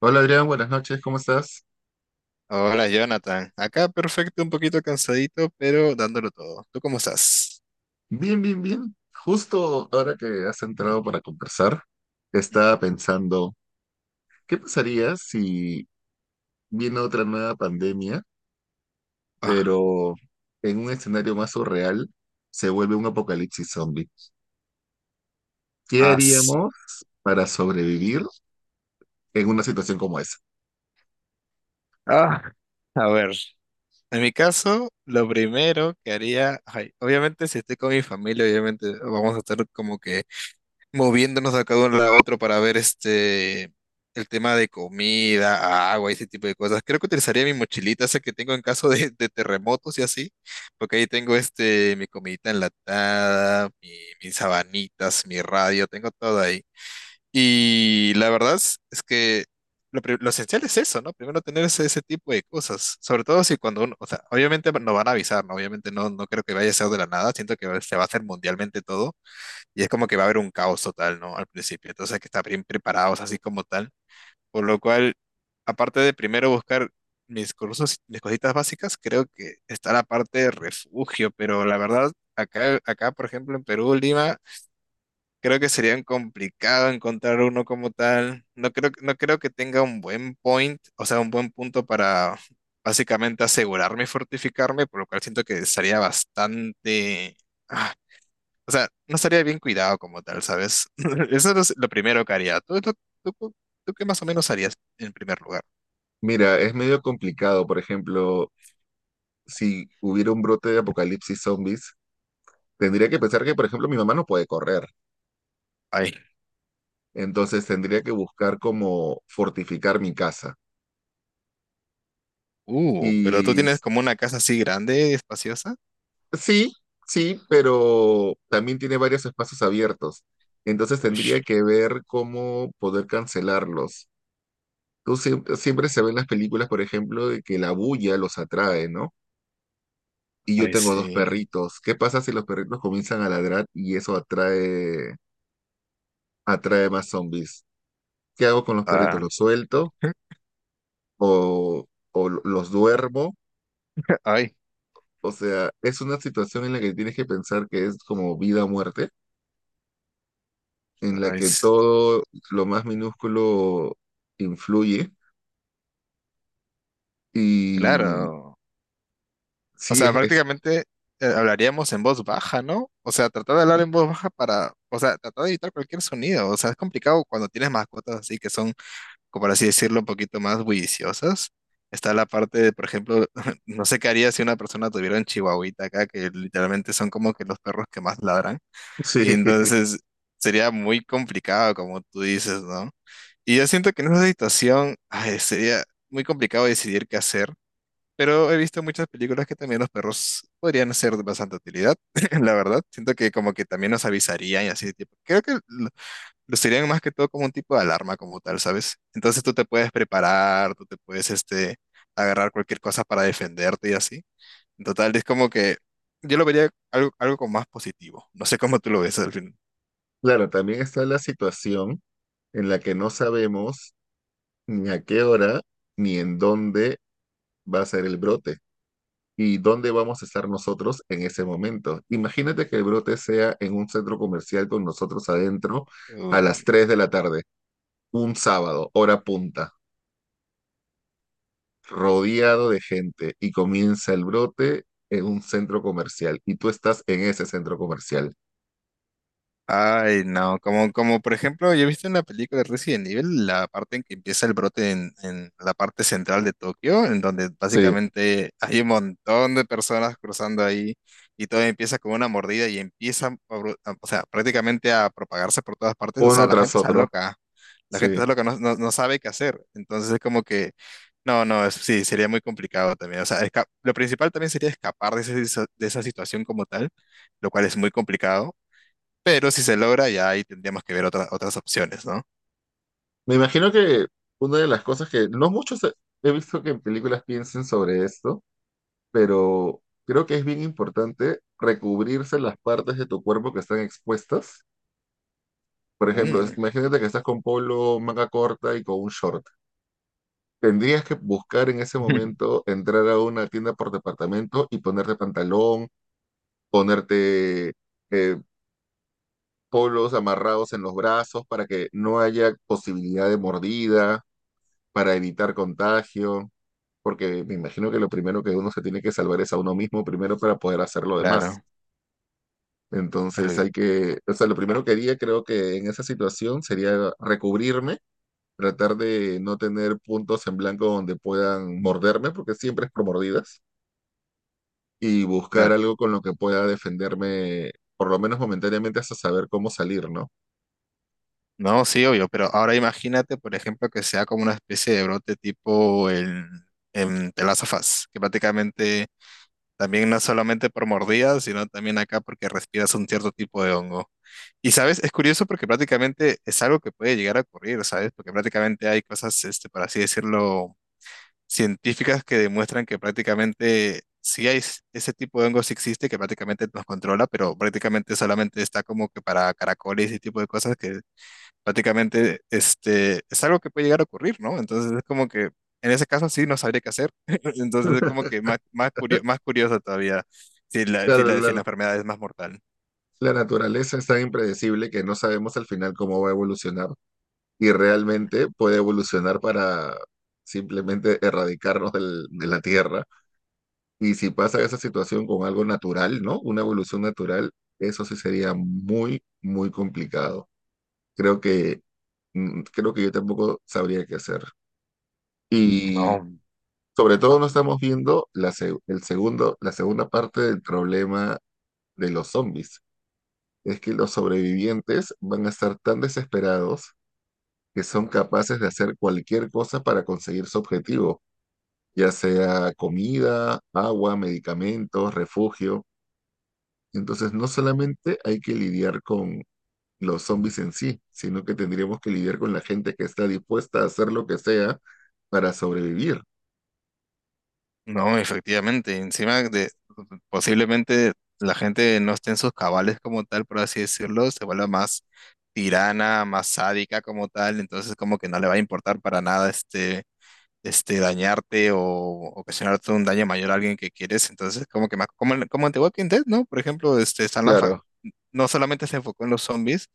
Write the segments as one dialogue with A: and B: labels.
A: Hola Adrián, buenas noches, ¿cómo estás?
B: Hola Jonathan, acá perfecto, un poquito cansadito, pero dándolo todo. ¿Tú cómo estás?
A: Bien, bien, bien. Justo ahora que has entrado para conversar, estaba
B: Ujú.
A: pensando, ¿qué pasaría si viene otra nueva pandemia,
B: Ah,
A: pero en un escenario más surreal se vuelve un apocalipsis zombie? ¿Qué
B: as-
A: haríamos para sobrevivir en una situación como esa?
B: ah, a ver, en mi caso, lo primero que haría, ay, obviamente si estoy con mi familia, obviamente vamos a estar como que moviéndonos acá de cada uno a otro para ver este el tema de comida, agua, ese tipo de cosas. Creo que utilizaría mi mochilita, esa que tengo en caso de terremotos y así, porque ahí tengo este mi comidita enlatada, mis sabanitas, mi radio, tengo todo ahí. Y la verdad es que lo esencial es eso, ¿no? Primero tener ese, ese tipo de cosas, sobre todo si cuando uno, o sea, obviamente nos van a avisar, ¿no? Obviamente no creo que vaya a ser de la nada, siento que se va a hacer mundialmente todo y es como que va a haber un caos total, ¿no? Al principio. Entonces hay que estar bien preparados así como tal. Por lo cual, aparte de primero buscar mis cursos, mis cositas básicas, creo que está la parte de refugio, pero la verdad, acá, por ejemplo, en Perú, Lima, creo que sería complicado encontrar uno como tal. No creo que tenga un buen point, o sea, un buen punto para básicamente asegurarme y fortificarme, por lo cual siento que estaría bastante... ah, o sea, no estaría bien cuidado como tal, ¿sabes? Eso es lo primero que haría. Tú, tú- tú qué más o menos harías en primer lugar?
A: Mira, es medio complicado, por ejemplo, si hubiera un brote de apocalipsis zombies, tendría que pensar que, por ejemplo, mi mamá no puede correr.
B: Ay,
A: Entonces tendría que buscar como fortificar mi casa.
B: pero tú
A: Y
B: tienes como una casa así grande, espaciosa.
A: sí, sí, pero también tiene varios espacios abiertos. Entonces
B: Uy,
A: tendría que ver cómo poder cancelarlos. Tú siempre, siempre se ven las películas, por ejemplo, de que la bulla los atrae, ¿no? Y yo
B: ay,
A: tengo dos
B: sí.
A: perritos. ¿Qué pasa si los perritos comienzan a ladrar y eso atrae más zombies? ¿Qué hago con los perritos?
B: Ah,
A: ¿Los suelto o, o los duermo?
B: ay,
A: O sea, es una situación en la que tienes que pensar que es como vida o muerte, en la
B: ay,
A: que
B: s-
A: todo lo más minúsculo influye. Y
B: claro. O
A: sí,
B: sea, prácticamente hablaríamos en voz baja, ¿no? O sea, tratar de hablar en voz baja para, o sea, tratar de evitar cualquier sonido. O sea, es complicado cuando tienes mascotas así que son como por así decirlo, un poquito más bulliciosas. Está la parte de, por ejemplo, no sé qué haría si una persona tuviera un chihuahuita acá, que literalmente son como que los perros que más ladran.
A: sí,
B: Y entonces sería muy complicado, como tú dices, ¿no? Y yo siento que en esa situación ay, sería muy complicado decidir qué hacer, pero he visto muchas películas que también los perros podrían ser de bastante utilidad, la verdad. Siento que como que también nos avisarían y así, tipo, creo que lo sirven más que todo como un tipo de alarma como tal, ¿sabes? Entonces tú te puedes preparar, tú te puedes este, agarrar cualquier cosa para defenderte y así. En total, es como que yo lo vería algo, algo como más positivo. No sé cómo tú lo ves al fin.
A: claro, también está la situación en la que no sabemos ni a qué hora ni en dónde va a ser el brote y dónde vamos a estar nosotros en ese momento. Imagínate que el brote sea en un centro comercial con nosotros adentro a las
B: Uy.
A: 3 de la tarde, un sábado, hora punta, rodeado de gente y comienza el brote en un centro comercial y tú estás en ese centro comercial.
B: Ay, no, como, como por ejemplo, yo he visto en la película de Resident Evil la parte en que empieza el brote en la parte central de Tokio, en donde
A: Sí,
B: básicamente hay un montón de personas cruzando ahí y todo empieza con una mordida y empieza, o sea, prácticamente a propagarse por todas partes, o sea,
A: uno
B: la
A: tras
B: gente está
A: otro.
B: loca, la gente
A: Sí.
B: está loca, no sabe qué hacer, entonces es como que, no, no, es- sí, sería muy complicado también, o sea, lo principal también sería escapar de esa situación como tal, lo cual es muy complicado. Pero si se logra, ya ahí tendríamos que ver otras opciones, ¿no?
A: Me imagino que una de las cosas que no muchos he visto que en películas piensen sobre esto, pero creo que es bien importante recubrirse las partes de tu cuerpo que están expuestas. Por ejemplo, es-
B: Mm.
A: imagínate que estás con polo, manga corta y con un short. Tendrías que buscar en ese momento entrar a una tienda por departamento y ponerte pantalón, ponerte eh, polos amarrados en los brazos para que no haya posibilidad de mordida, para evitar contagio, porque me imagino que lo primero que uno se tiene que salvar es a uno mismo primero para poder hacer lo demás.
B: Claro,
A: Entonces
B: eh,
A: hay que, o sea, lo primero que haría creo que en esa situación sería recubrirme, tratar de no tener puntos en blanco donde puedan morderme, porque siempre es por mordidas, y buscar
B: claro.
A: algo con lo que pueda defenderme, por lo menos momentáneamente, hasta saber cómo salir, ¿no?
B: No, sí, obvio, pero ahora imagínate, por ejemplo, que sea como una especie de brote tipo en The Last of Us, que prácticamente también no es solamente por mordidas, sino también acá porque respiras un cierto tipo de hongo. Y sabes, es curioso porque prácticamente es algo que puede llegar a ocurrir, ¿sabes? Porque prácticamente hay cosas, este, por así decirlo, científicas que demuestran que prácticamente ese tipo de hongo sí existe, que prácticamente nos controla, pero prácticamente solamente está como que para caracoles y ese tipo de cosas que prácticamente este, es algo que puede llegar a ocurrir, ¿no? Entonces es como que en ese caso sí no sabría qué hacer. Entonces es como que más curioso todavía
A: Claro,
B: si la
A: la,
B: enfermedad es más mortal.
A: la naturaleza es tan impredecible que no sabemos al final cómo va a evolucionar y realmente puede evolucionar para simplemente erradicarnos de la Tierra. Y si pasa esa situación con algo natural, ¿no? Una evolución natural, eso sí sería muy, muy complicado. Creo que, creo que yo tampoco sabría qué hacer. Y
B: No.
A: sobre todo no estamos viendo la, se- el segundo, la segunda parte del problema de los zombies, es que los sobrevivientes van a estar tan desesperados que son capaces de hacer cualquier cosa para conseguir su objetivo, ya sea comida, agua, medicamentos, refugio. Entonces, no solamente hay que lidiar con los zombies en sí, sino que tendríamos que lidiar con la gente que está dispuesta a hacer lo que sea para sobrevivir.
B: No, efectivamente, encima de posiblemente la gente no esté en sus cabales como tal, por así decirlo, se vuelva más tirana, más sádica como tal, entonces como que no le va a importar para nada este, este dañarte o ocasionarte un daño mayor a alguien que quieres, entonces como que más, como, como en The Walking Dead, ¿no? Por ejemplo, este, están las.
A: Claro,
B: No solamente se enfocó en los zombies,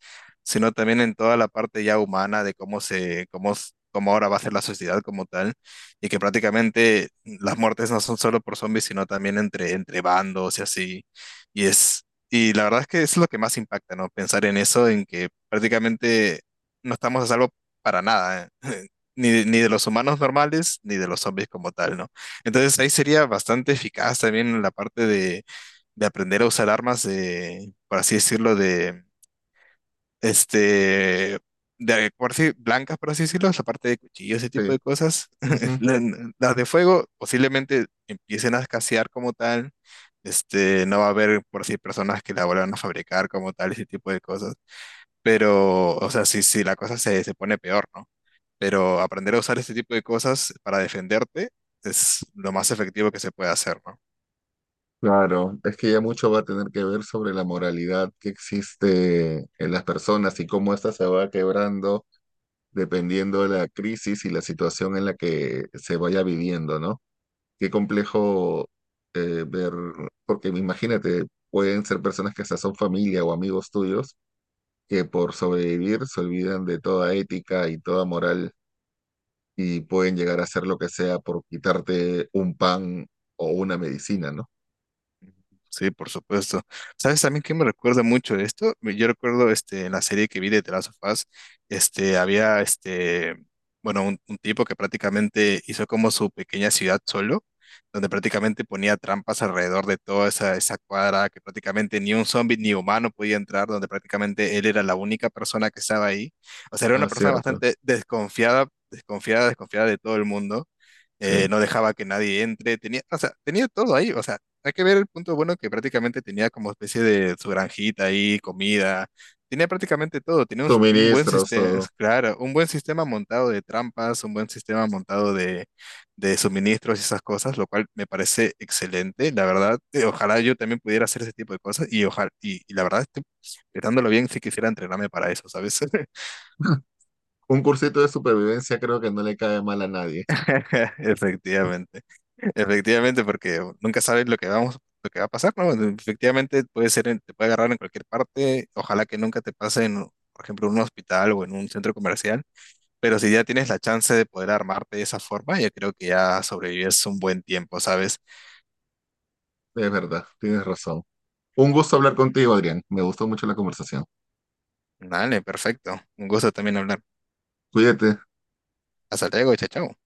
B: sino también en toda la parte ya humana de cómo cómo ahora va a ser la sociedad como tal, y que prácticamente las muertes no son solo por zombies, sino también entre, entre bandos y así. Y es, y la verdad es que es lo que más impacta, ¿no? Pensar en eso, en que prácticamente no estamos a salvo para nada, ¿eh? Ni de los humanos normales, ni de los zombies como tal, ¿no? Entonces ahí sería bastante eficaz también la parte de aprender a usar armas de, por así decirlo, de, este, de, por así, blancas, por así decirlo, la parte de cuchillos, ese tipo
A: sí.
B: de cosas.
A: Ujú.
B: La- Las de fuego posiblemente empiecen a escasear como tal. Este, no va a haber, por así, personas que la vuelvan a fabricar como tal, ese tipo de cosas. Pero, o sea, sí, la cosa se pone peor, ¿no? Pero aprender a usar este tipo de cosas para defenderte es lo más efectivo que se puede hacer, ¿no?
A: Claro, es que ya mucho va a tener que ver sobre la moralidad que existe en las personas y cómo ésta se va quebrando dependiendo de la crisis y la situación en la que se vaya viviendo, ¿no? Qué complejo ver, porque imagínate, pueden ser personas que hasta son familia o amigos tuyos que por sobrevivir se olvidan de toda ética y toda moral y pueden llegar a hacer lo que sea por quitarte un pan o una medicina, ¿no?
B: Sí, por supuesto. ¿Sabes también qué me recuerda mucho esto? Yo recuerdo este, en la serie que vi de The Last of Us, este, había este, bueno, un tipo que prácticamente hizo como su pequeña ciudad solo, donde prácticamente ponía trampas alrededor de toda esa, esa cuadra, que prácticamente ni un zombie ni humano podía entrar, donde prácticamente él era la única persona que estaba ahí. O sea, era una
A: Ah,
B: persona
A: cierto,
B: bastante desconfiada de todo el mundo
A: sí.
B: no dejaba que nadie entre, tenía, o sea, tenía todo ahí, o sea, hay que ver el punto bueno que prácticamente tenía como especie de su granjita ahí, comida, tenía prácticamente todo, tenía un buen
A: Suministros,
B: sistema,
A: todo.
B: claro, un buen sistema montado de trampas, un buen sistema montado de suministros y esas cosas, lo cual me parece excelente, la verdad, ojalá yo también pudiera hacer ese tipo de cosas y ojalá, y la verdad, estoy pensándolo bien si quisiera entrenarme para eso, ¿sabes?
A: Un cursito de supervivencia creo que no le cae mal a nadie.
B: Efectivamente. Efectivamente, porque nunca sabes lo que va a pasar, ¿no? Efectivamente puede ser, te puede agarrar en cualquier parte, ojalá que nunca te pase en, por ejemplo, en un hospital o en un centro comercial, pero si ya tienes la chance de poder armarte de esa forma, yo creo que ya sobrevives un buen tiempo, ¿sabes?
A: Es verdad, tienes razón. Un gusto hablar contigo, Adrián. Me gustó mucho la conversación.
B: Dale, perfecto. Un gusto también hablar.
A: Cuídate.
B: Hasta luego, chao, chao.